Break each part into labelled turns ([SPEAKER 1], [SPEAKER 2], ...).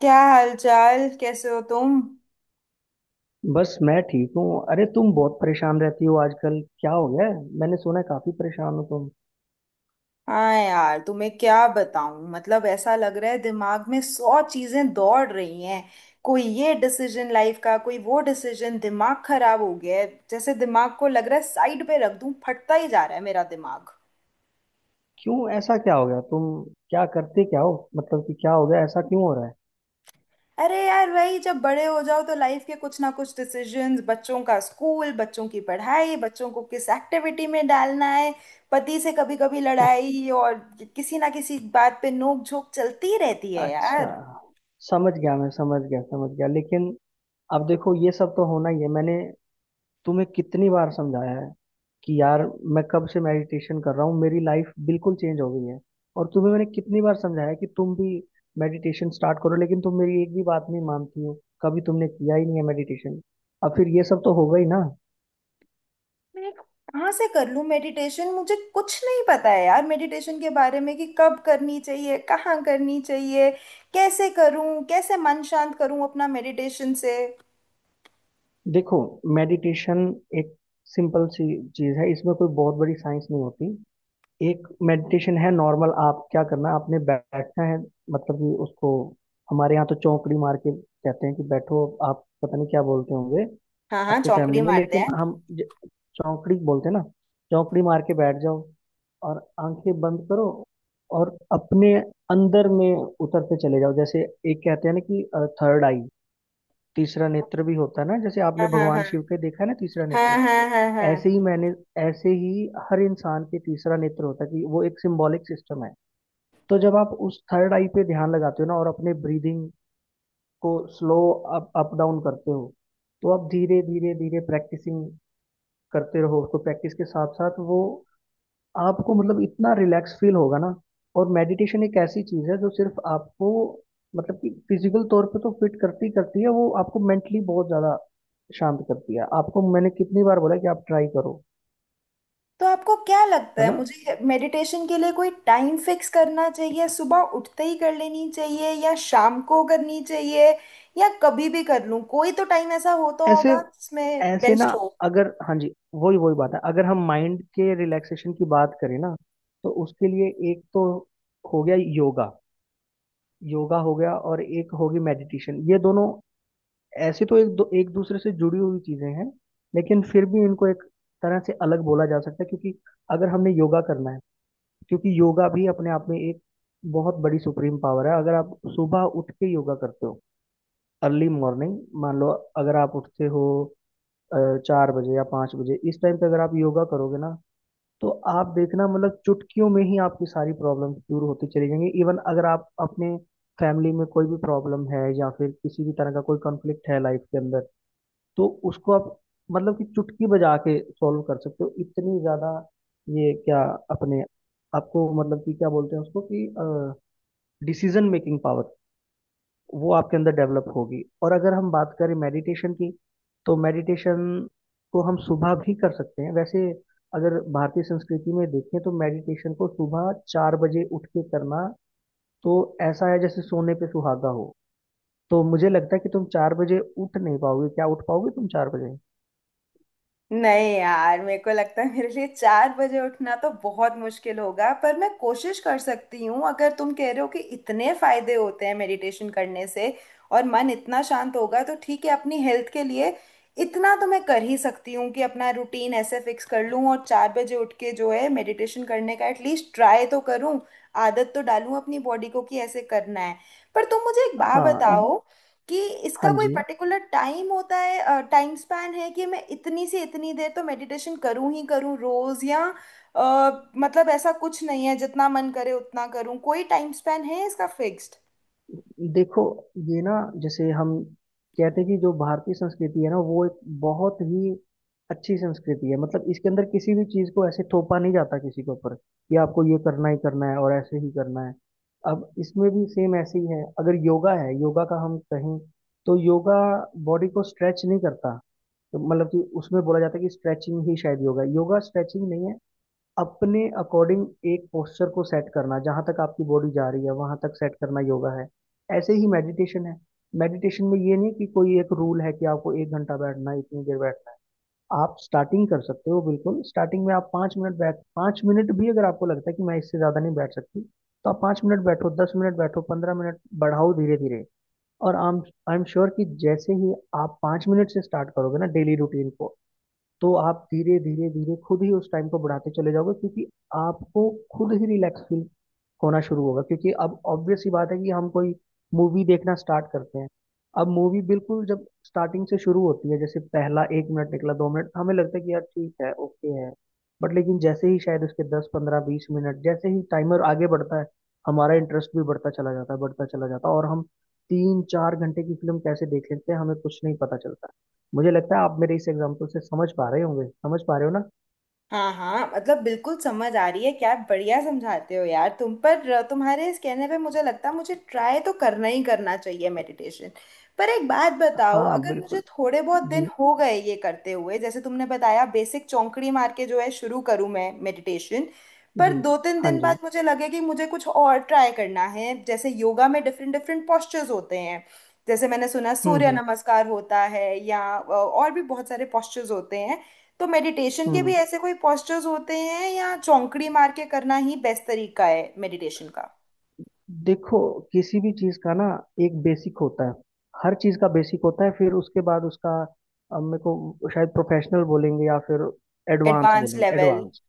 [SPEAKER 1] क्या हालचाल, कैसे हो तुम।
[SPEAKER 2] बस मैं ठीक हूँ। अरे तुम बहुत परेशान रहती हो आजकल, क्या हो गया है? मैंने सुना है काफी परेशान हो तुम।
[SPEAKER 1] हाँ यार, तुम्हें क्या बताऊं। ऐसा लग रहा है दिमाग में 100 चीजें दौड़ रही हैं। कोई ये डिसीजन लाइफ का, कोई वो डिसीजन, दिमाग खराब हो गया है। जैसे दिमाग को लग रहा है साइड पे रख दूं, फटता ही जा रहा है मेरा दिमाग।
[SPEAKER 2] क्यों ऐसा क्या हो गया तुम, क्या करते क्या हो, मतलब कि क्या हो गया, ऐसा क्यों हो रहा है?
[SPEAKER 1] अरे यार, वही, जब बड़े हो जाओ तो लाइफ के कुछ ना कुछ डिसीजंस, बच्चों का स्कूल, बच्चों की पढ़ाई, बच्चों को किस एक्टिविटी में डालना है, पति से कभी कभी लड़ाई, और किसी ना किसी बात पे नोक झोंक चलती रहती है
[SPEAKER 2] अच्छा,
[SPEAKER 1] यार।
[SPEAKER 2] समझ गया, मैं समझ गया, समझ गया, लेकिन अब देखो ये सब तो होना ही है। मैंने तुम्हें कितनी बार समझाया है कि यार मैं कब से मेडिटेशन कर रहा हूँ, मेरी लाइफ बिल्कुल चेंज हो गई है। और तुम्हें मैंने कितनी बार समझाया है कि तुम भी मेडिटेशन स्टार्ट करो, लेकिन तुम मेरी एक भी बात नहीं मानती हो। कभी तुमने किया ही नहीं है मेडिटेशन। अब फिर ये सब तो होगा ही ना।
[SPEAKER 1] मैं कहाँ से कर लूँ मेडिटेशन। मुझे कुछ नहीं पता है यार मेडिटेशन के बारे में, कि कब करनी चाहिए, कहाँ करनी चाहिए, कैसे करूँ, कैसे मन शांत करूँ अपना मेडिटेशन से।
[SPEAKER 2] देखो, मेडिटेशन एक सिंपल सी चीज है, इसमें कोई बहुत बड़ी साइंस नहीं होती। एक मेडिटेशन है नॉर्मल, आप क्या करना है, आपने बैठना है। मतलब कि उसको हमारे यहाँ तो चौकड़ी मार के कहते हैं कि बैठो। आप पता नहीं क्या बोलते होंगे
[SPEAKER 1] हाँ हाँ,
[SPEAKER 2] आपके फैमिली
[SPEAKER 1] चौकड़ी
[SPEAKER 2] में,
[SPEAKER 1] मारते
[SPEAKER 2] लेकिन
[SPEAKER 1] हैं।
[SPEAKER 2] हम ज- चौकड़ी बोलते हैं ना। चौकड़ी मार के बैठ जाओ, और आंखें बंद करो, और अपने अंदर में उतरते चले जाओ। जैसे एक कहते हैं ना कि थर्ड आई, तीसरा नेत्र भी होता है ना, जैसे आपने
[SPEAKER 1] हाँ हाँ हाँ।
[SPEAKER 2] भगवान शिव के देखा है ना तीसरा
[SPEAKER 1] हाँ
[SPEAKER 2] नेत्र।
[SPEAKER 1] हाँ हाँ
[SPEAKER 2] ऐसे
[SPEAKER 1] हाँ।
[SPEAKER 2] ही मैंने ऐसे ही हर इंसान के तीसरा नेत्र होता है, कि वो एक सिंबॉलिक सिस्टम है। तो जब आप उस थर्ड आई पे ध्यान लगाते हो ना, और अपने ब्रीदिंग को स्लो अप अप डाउन करते हो, तो आप धीरे धीरे धीरे प्रैक्टिसिंग करते रहो। उसको प्रैक्टिस के साथ साथ वो आपको मतलब इतना रिलैक्स फील होगा ना। और मेडिटेशन एक ऐसी चीज है जो सिर्फ आपको मतलब कि फिजिकल तौर पे तो फिट करती ही करती है, वो आपको मेंटली बहुत ज्यादा शांत करती है। आपको मैंने कितनी बार बोला कि आप ट्राई करो,
[SPEAKER 1] तो आपको क्या लगता
[SPEAKER 2] है
[SPEAKER 1] है,
[SPEAKER 2] ना?
[SPEAKER 1] मुझे मेडिटेशन के लिए कोई टाइम फिक्स करना चाहिए? सुबह उठते ही कर लेनी चाहिए या शाम को करनी चाहिए, या कभी भी कर लूं? कोई तो टाइम ऐसा होता
[SPEAKER 2] ऐसे,
[SPEAKER 1] होगा जिसमें
[SPEAKER 2] ऐसे ना,
[SPEAKER 1] बेस्ट हो।
[SPEAKER 2] अगर हाँ जी, वही वही बात है। अगर हम माइंड के रिलैक्सेशन की बात करें ना, तो उसके लिए एक तो हो गया योगा। योगा हो गया, और एक होगी मेडिटेशन। ये दोनों ऐसी तो एक दूसरे से जुड़ी हुई चीजें हैं। लेकिन फिर भी इनको एक तरह से अलग बोला जा सकता है, क्योंकि अगर हमने योगा करना है। क्योंकि योगा भी अपने आप में एक बहुत बड़ी सुप्रीम पावर है। अगर आप सुबह उठ के योगा करते हो अर्ली मॉर्निंग, मान लो अगर आप उठते हो 4 बजे या 5 बजे, इस टाइम पे अगर आप योगा करोगे ना, तो आप देखना, मतलब चुटकियों में ही आपकी सारी प्रॉब्लम दूर होती चली जाएंगी। इवन अगर आप अपने फैमिली में कोई भी प्रॉब्लम है, या फिर किसी भी तरह का कोई कॉन्फ्लिक्ट है लाइफ के अंदर, तो उसको आप मतलब कि चुटकी बजा के सॉल्व कर सकते हो। इतनी ज्यादा ये क्या अपने आपको मतलब कि क्या बोलते हैं उसको, कि डिसीजन मेकिंग पावर वो आपके अंदर डेवलप होगी। और अगर हम बात करें मेडिटेशन की, तो मेडिटेशन को हम सुबह भी कर सकते हैं वैसे। अगर भारतीय संस्कृति में देखें, तो मेडिटेशन को सुबह 4 बजे उठ के करना तो ऐसा है जैसे सोने पे सुहागा हो। तो मुझे लगता है कि तुम 4 बजे उठ नहीं पाओगे, क्या उठ पाओगे तुम 4 बजे?
[SPEAKER 1] नहीं यार, मेरे को लगता है मेरे लिए 4 बजे उठना तो बहुत मुश्किल होगा, पर मैं कोशिश कर सकती हूँ। अगर तुम कह रहे हो कि इतने फायदे होते हैं मेडिटेशन करने से और मन इतना शांत होगा, तो ठीक है, अपनी हेल्थ के लिए इतना तो मैं कर ही सकती हूँ कि अपना रूटीन ऐसे फिक्स कर लूँ और 4 बजे उठ के जो है मेडिटेशन करने का एटलीस्ट ट्राई तो करूँ, आदत तो डालूँ अपनी बॉडी को कि ऐसे करना है। पर तुम मुझे एक बात
[SPEAKER 2] हाँ,
[SPEAKER 1] बताओ कि इसका
[SPEAKER 2] हाँ
[SPEAKER 1] कोई
[SPEAKER 2] जी।
[SPEAKER 1] पर्टिकुलर टाइम होता है? टाइम स्पैन है कि मैं इतनी से इतनी देर तो मेडिटेशन करूं ही करूं रोज, या ऐसा कुछ नहीं है, जितना मन करे उतना करूं? कोई टाइम स्पैन है इसका फिक्स्ड?
[SPEAKER 2] देखो ये ना, जैसे हम कहते हैं कि जो भारतीय संस्कृति है ना, वो एक बहुत ही अच्छी संस्कृति है। मतलब इसके अंदर किसी भी चीज़ को ऐसे थोपा नहीं जाता किसी के ऊपर, कि आपको ये करना ही करना है और ऐसे ही करना है। अब इसमें भी सेम ऐसे ही है। अगर योगा है, योगा का हम कहें, तो योगा बॉडी को स्ट्रेच नहीं करता। तो मतलब कि उसमें बोला जाता है कि स्ट्रेचिंग ही शायद योगा है, योगा स्ट्रेचिंग नहीं है। अपने अकॉर्डिंग एक पोस्चर को सेट करना, जहां तक आपकी बॉडी जा रही है वहां तक सेट करना योगा है। ऐसे ही मेडिटेशन है। मेडिटेशन में ये नहीं कि कोई एक रूल है कि आपको एक घंटा बैठना है, इतनी देर बैठना है। आप स्टार्टिंग कर सकते हो बिल्कुल, स्टार्टिंग में आप 5 मिनट बैठ, 5 मिनट भी अगर आपको लगता है कि मैं इससे ज़्यादा नहीं बैठ सकती, तो आप 5 मिनट बैठो, 10 मिनट बैठो, 15 मिनट, बढ़ाओ धीरे धीरे। और आई एम श्योर कि जैसे ही आप 5 मिनट से स्टार्ट करोगे ना डेली रूटीन को, तो आप धीरे धीरे धीरे खुद ही उस टाइम को बढ़ाते चले जाओगे, क्योंकि आपको खुद ही रिलैक्स फील होना शुरू होगा। क्योंकि अब ऑब्वियस सी बात है कि हम कोई मूवी देखना स्टार्ट करते हैं। अब मूवी बिल्कुल जब स्टार्टिंग से शुरू होती है, जैसे पहला 1 मिनट निकला, 2 मिनट, हमें लगता है कि यार ठीक है, ओके है। बट लेकिन जैसे ही शायद उसके 10 15 20 मिनट, जैसे ही टाइमर आगे बढ़ता है, हमारा इंटरेस्ट भी बढ़ता चला जाता है, बढ़ता चला जाता है। और हम 3 4 घंटे की फिल्म कैसे देख लेते हैं, हमें कुछ नहीं पता चलता। मुझे लगता है आप मेरे इस एग्जाम्पल से समझ पा रहे होंगे, समझ पा रहे हो ना?
[SPEAKER 1] हाँ हाँ, बिल्कुल समझ आ रही है। क्या बढ़िया समझाते हो यार तुम। पर तुम्हारे इस कहने पे मुझे लगता है मुझे ट्राई तो करना ही करना चाहिए मेडिटेशन। पर एक बात बताओ,
[SPEAKER 2] हाँ
[SPEAKER 1] अगर मुझे
[SPEAKER 2] बिल्कुल।
[SPEAKER 1] थोड़े बहुत दिन
[SPEAKER 2] जी
[SPEAKER 1] हो गए ये करते हुए, जैसे तुमने बताया बेसिक चौंकड़ी मार के जो है शुरू करूँ मैं मेडिटेशन, पर
[SPEAKER 2] जी,
[SPEAKER 1] दो तीन
[SPEAKER 2] हाँ
[SPEAKER 1] दिन
[SPEAKER 2] जी।
[SPEAKER 1] बाद मुझे लगे कि मुझे कुछ और ट्राई करना है, जैसे योगा में डिफरेंट डिफरेंट पोस्चर्स होते हैं, जैसे मैंने सुना
[SPEAKER 2] हम्म
[SPEAKER 1] सूर्य
[SPEAKER 2] हम्म
[SPEAKER 1] नमस्कार होता है या और भी बहुत सारे पोस्चर्स होते हैं, तो मेडिटेशन के भी
[SPEAKER 2] हम्म।
[SPEAKER 1] ऐसे कोई postures होते हैं या चौंकड़ी मार के करना ही बेस्ट तरीका है मेडिटेशन का?
[SPEAKER 2] देखो, किसी भी चीज का ना एक बेसिक होता है, हर चीज का बेसिक होता है, फिर उसके बाद उसका अब मेरे को शायद प्रोफेशनल बोलेंगे, या फिर एडवांस
[SPEAKER 1] एडवांस
[SPEAKER 2] बोलेंगे।
[SPEAKER 1] लेवल।
[SPEAKER 2] एडवांस,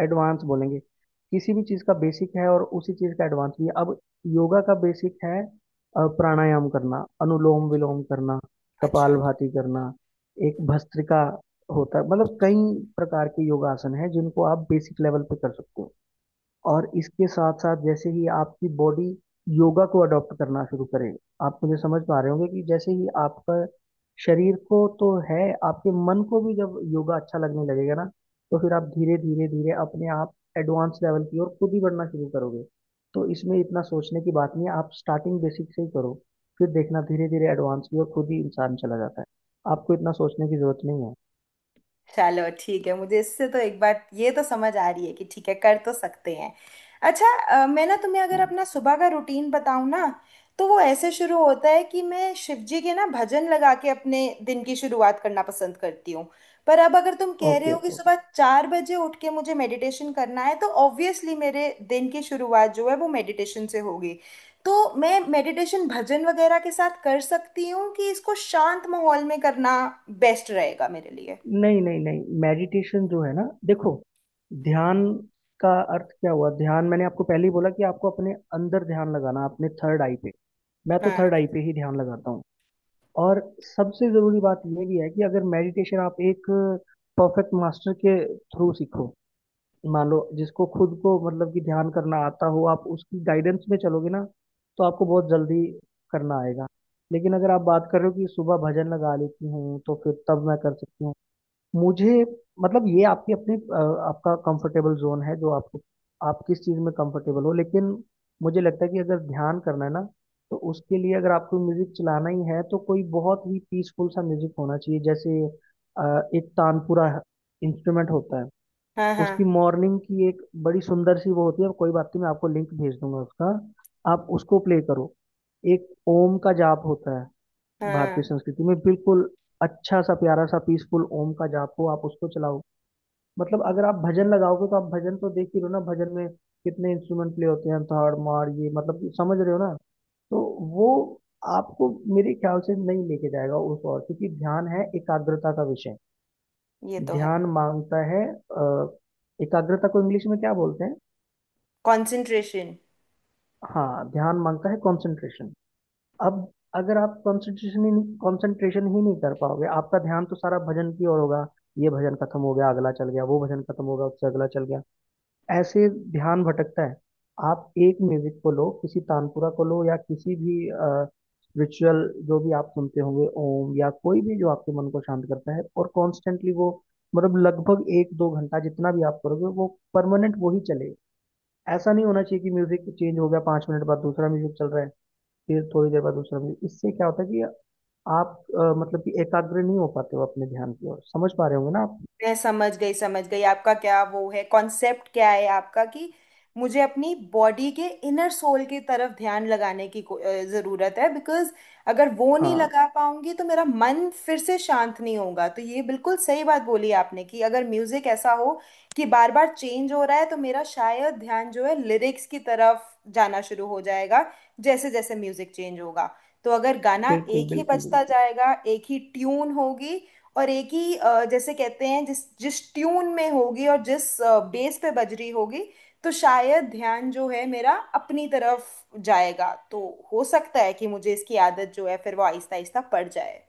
[SPEAKER 2] एडवांस बोलेंगे, किसी भी चीज़ का बेसिक है और उसी चीज़ का एडवांस भी है। अब योगा का बेसिक है प्राणायाम करना, अनुलोम विलोम करना,
[SPEAKER 1] अच्छा।
[SPEAKER 2] कपालभाति करना, एक भस्त्रिका होता है। मतलब कई प्रकार के योगासन है, जिनको आप बेसिक लेवल पे कर सकते हो। और इसके साथ साथ जैसे ही आपकी बॉडी योगा को अडॉप्ट करना शुरू करे, आप मुझे समझ पा रहे होंगे कि जैसे ही आपका शरीर को तो है, आपके मन को भी जब योगा अच्छा लगने लगेगा ना, तो फिर आप धीरे धीरे धीरे अपने आप एडवांस लेवल की ओर खुद ही बढ़ना शुरू करोगे। तो इसमें इतना सोचने की बात नहीं है, आप स्टार्टिंग बेसिक से ही करो, फिर देखना धीरे धीरे एडवांस की ओर खुद ही इंसान चला जाता है। आपको इतना सोचने की जरूरत नहीं है।
[SPEAKER 1] चलो ठीक है, मुझे इससे तो एक बात ये तो समझ आ रही है कि ठीक है, कर तो सकते हैं। अच्छा, मैं ना तुम्हें अगर अपना सुबह का रूटीन बताऊं ना, तो वो ऐसे शुरू होता है कि मैं शिव जी के ना भजन लगा के अपने दिन की शुरुआत करना पसंद करती हूँ। पर अब अगर तुम कह रहे
[SPEAKER 2] ओके
[SPEAKER 1] हो कि
[SPEAKER 2] ओके।
[SPEAKER 1] सुबह 4 बजे उठ के मुझे मेडिटेशन करना है, तो ऑब्वियसली मेरे दिन की शुरुआत जो है वो मेडिटेशन से होगी। तो मैं मेडिटेशन भजन वगैरह के साथ कर सकती हूँ कि इसको शांत माहौल में करना बेस्ट रहेगा मेरे लिए।
[SPEAKER 2] नहीं नहीं नहीं, मेडिटेशन जो है ना, देखो ध्यान का अर्थ क्या हुआ। ध्यान, मैंने आपको पहले ही बोला कि आपको अपने अंदर ध्यान लगाना, अपने थर्ड आई पे। मैं तो
[SPEAKER 1] हाँ।
[SPEAKER 2] थर्ड आई पे ही ध्यान लगाता हूँ। और सबसे जरूरी बात यह भी है कि अगर मेडिटेशन आप एक परफेक्ट मास्टर के थ्रू सीखो, मान लो जिसको खुद को मतलब कि ध्यान करना आता हो, आप उसकी गाइडेंस में चलोगे ना, तो आपको बहुत जल्दी करना आएगा। लेकिन अगर आप बात कर रहे हो कि सुबह भजन लगा लेती हूँ तो फिर तब मैं कर सकती हूँ, मुझे मतलब ये आपकी अपनी आपका कंफर्टेबल जोन है, जो आपको आप किस चीज़ में कंफर्टेबल हो। लेकिन मुझे लगता है कि अगर ध्यान करना है ना, तो उसके लिए अगर आपको म्यूजिक चलाना ही है, तो कोई बहुत ही पीसफुल सा म्यूजिक होना चाहिए, जैसे एक तानपुरा इंस्ट्रूमेंट होता है।
[SPEAKER 1] हाँ
[SPEAKER 2] उसकी
[SPEAKER 1] हाँ
[SPEAKER 2] मॉर्निंग की एक बड़ी सुंदर सी वो होती है, कोई बात नहीं, मैं आपको लिंक भेज दूंगा उसका, आप उसको प्ले करो। एक ओम का जाप होता है भारतीय
[SPEAKER 1] हाँ।
[SPEAKER 2] संस्कृति में, बिल्कुल अच्छा सा प्यारा सा पीसफुल ओम का जाप हो, आप उसको चलाओ। मतलब अगर आप भजन लगाओगे, तो आप भजन तो देख ही रहे हो ना, भजन में कितने इंस्ट्रूमेंट प्ले होते हैं, थाड़ मार ये, मतलब समझ रहे हो ना? तो वो आपको मेरे ख्याल से नहीं लेके जाएगा उस ओर, क्योंकि ध्यान है एकाग्रता का विषय।
[SPEAKER 1] ये तो है।
[SPEAKER 2] ध्यान मांगता है एकाग्रता को इंग्लिश में क्या बोलते हैं?
[SPEAKER 1] कंसंट्रेशन।
[SPEAKER 2] हाँ, ध्यान मांगता है कंसंट्रेशन। अब अगर आप कंसंट्रेशन ही नहीं कर पाओगे, आपका ध्यान तो सारा भजन की ओर होगा। ये भजन खत्म हो गया अगला चल गया, वो भजन खत्म हो गया उससे अगला चल गया, ऐसे ध्यान भटकता है। आप एक म्यूजिक को लो, किसी तानपुरा को लो, या किसी भी रिचुअल, जो भी आप सुनते होंगे, ओम या कोई भी जो आपके मन को शांत करता है, और कॉन्स्टेंटली वो मतलब लगभग 1 2 घंटा जितना भी आप करोगे, वो परमानेंट वही चलेगा। ऐसा नहीं होना चाहिए कि म्यूजिक चेंज हो गया, 5 मिनट बाद दूसरा म्यूजिक चल रहा है, फिर थोड़ी देर बाद दूसरा भी। इससे क्या होता है कि आप मतलब कि एकाग्र नहीं हो पाते हो अपने ध्यान की ओर, समझ पा रहे होंगे ना आप?
[SPEAKER 1] मैं समझ गई, समझ गई आपका क्या वो है, कॉन्सेप्ट क्या है आपका, कि मुझे अपनी बॉडी के इनर सोल की तरफ ध्यान लगाने की जरूरत है, बिकॉज अगर वो नहीं
[SPEAKER 2] हाँ
[SPEAKER 1] लगा पाऊंगी तो मेरा मन फिर से शांत नहीं होगा। तो ये बिल्कुल सही बात बोली आपने कि अगर म्यूजिक ऐसा हो कि बार बार चेंज हो रहा है, तो मेरा शायद ध्यान जो है लिरिक्स की तरफ जाना शुरू हो जाएगा जैसे जैसे म्यूजिक चेंज होगा। तो अगर गाना
[SPEAKER 2] बिल्कुल,
[SPEAKER 1] एक ही
[SPEAKER 2] बिल्कुल
[SPEAKER 1] बजता
[SPEAKER 2] बिल्कुल।
[SPEAKER 1] जाएगा, एक ही ट्यून होगी और एक ही, जैसे कहते हैं जिस जिस ट्यून में होगी और जिस बेस पे बज रही होगी, तो शायद ध्यान जो है मेरा अपनी तरफ जाएगा। तो हो सकता है कि मुझे इसकी आदत जो है फिर वो आहिस्ता आहिस्ता पड़ जाए।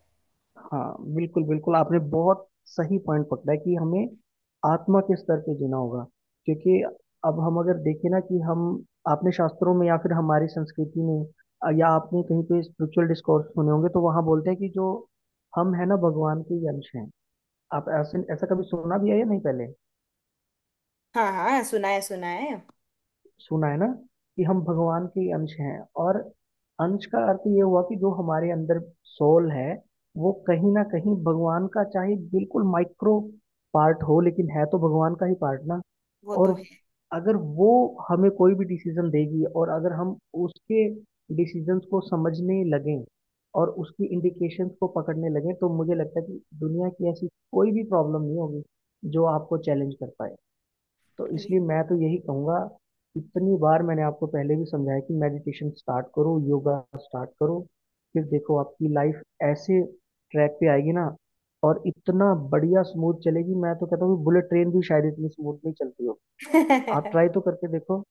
[SPEAKER 2] हाँ बिल्कुल बिल्कुल, आपने बहुत सही पॉइंट पकड़ा है कि हमें आत्मा के स्तर पे जीना होगा। क्योंकि अब हम अगर देखें ना, कि हम अपने शास्त्रों में, या फिर हमारी संस्कृति में या आपने कहीं पे स्पिरिचुअल डिस्कोर्स सुने होंगे, तो वहाँ बोलते हैं कि जो हम है ना, भगवान के ही अंश हैं। आप ऐसे ऐसा कभी सुना भी है या नहीं पहले?
[SPEAKER 1] हाँ हाँ, सुना है सुना है।
[SPEAKER 2] सुना है ना कि हम भगवान के अंश हैं। और अंश का अर्थ ये हुआ कि जो हमारे अंदर सोल है, वो कहीं ना कहीं भगवान का, चाहे बिल्कुल माइक्रो पार्ट हो, लेकिन है तो भगवान का ही पार्ट ना।
[SPEAKER 1] वो
[SPEAKER 2] और
[SPEAKER 1] तो
[SPEAKER 2] अगर वो हमें कोई भी डिसीजन देगी, और अगर हम उसके डिसीजंस को समझने लगें और उसकी इंडिकेशंस को पकड़ने लगें, तो मुझे लगता है कि दुनिया की ऐसी कोई भी प्रॉब्लम नहीं होगी जो आपको चैलेंज कर पाए। तो इसलिए मैं तो यही कहूँगा, इतनी बार मैंने आपको पहले भी समझाया कि मेडिटेशन स्टार्ट करो, योगा स्टार्ट करो, फिर देखो आपकी लाइफ ऐसे ट्रैक पे आएगी ना, और इतना बढ़िया स्मूथ चलेगी। मैं तो कहता हूँ बुलेट ट्रेन भी शायद इतनी स्मूथ नहीं चलती हो। आप
[SPEAKER 1] है।
[SPEAKER 2] ट्राई तो करके देखो।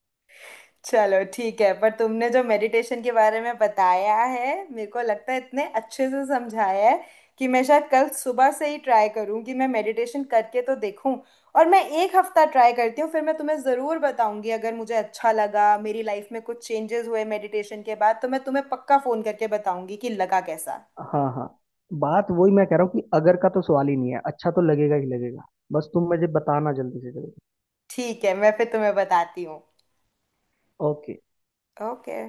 [SPEAKER 1] चलो ठीक है, पर तुमने जो मेडिटेशन के बारे में बताया है मेरे को लगता है इतने अच्छे से समझाया है कि मैं शायद कल सुबह से ही ट्राई करूं कि मैं मेडिटेशन करके तो देखूं। और मैं एक हफ्ता ट्राई करती हूँ, फिर मैं तुम्हें ज़रूर बताऊंगी। अगर मुझे अच्छा लगा, मेरी लाइफ में कुछ चेंजेस हुए मेडिटेशन के बाद, तो मैं तुम्हें पक्का फ़ोन करके बताऊंगी कि लगा कैसा।
[SPEAKER 2] हाँ हाँ। बात वही मैं कह रहा हूँ कि अगर का तो सवाल ही नहीं है, अच्छा तो लगेगा ही लगेगा। बस तुम मुझे बताना जल्दी से जल्दी।
[SPEAKER 1] ठीक है, मैं फिर तुम्हें बताती हूँ।
[SPEAKER 2] ओके।
[SPEAKER 1] ओके।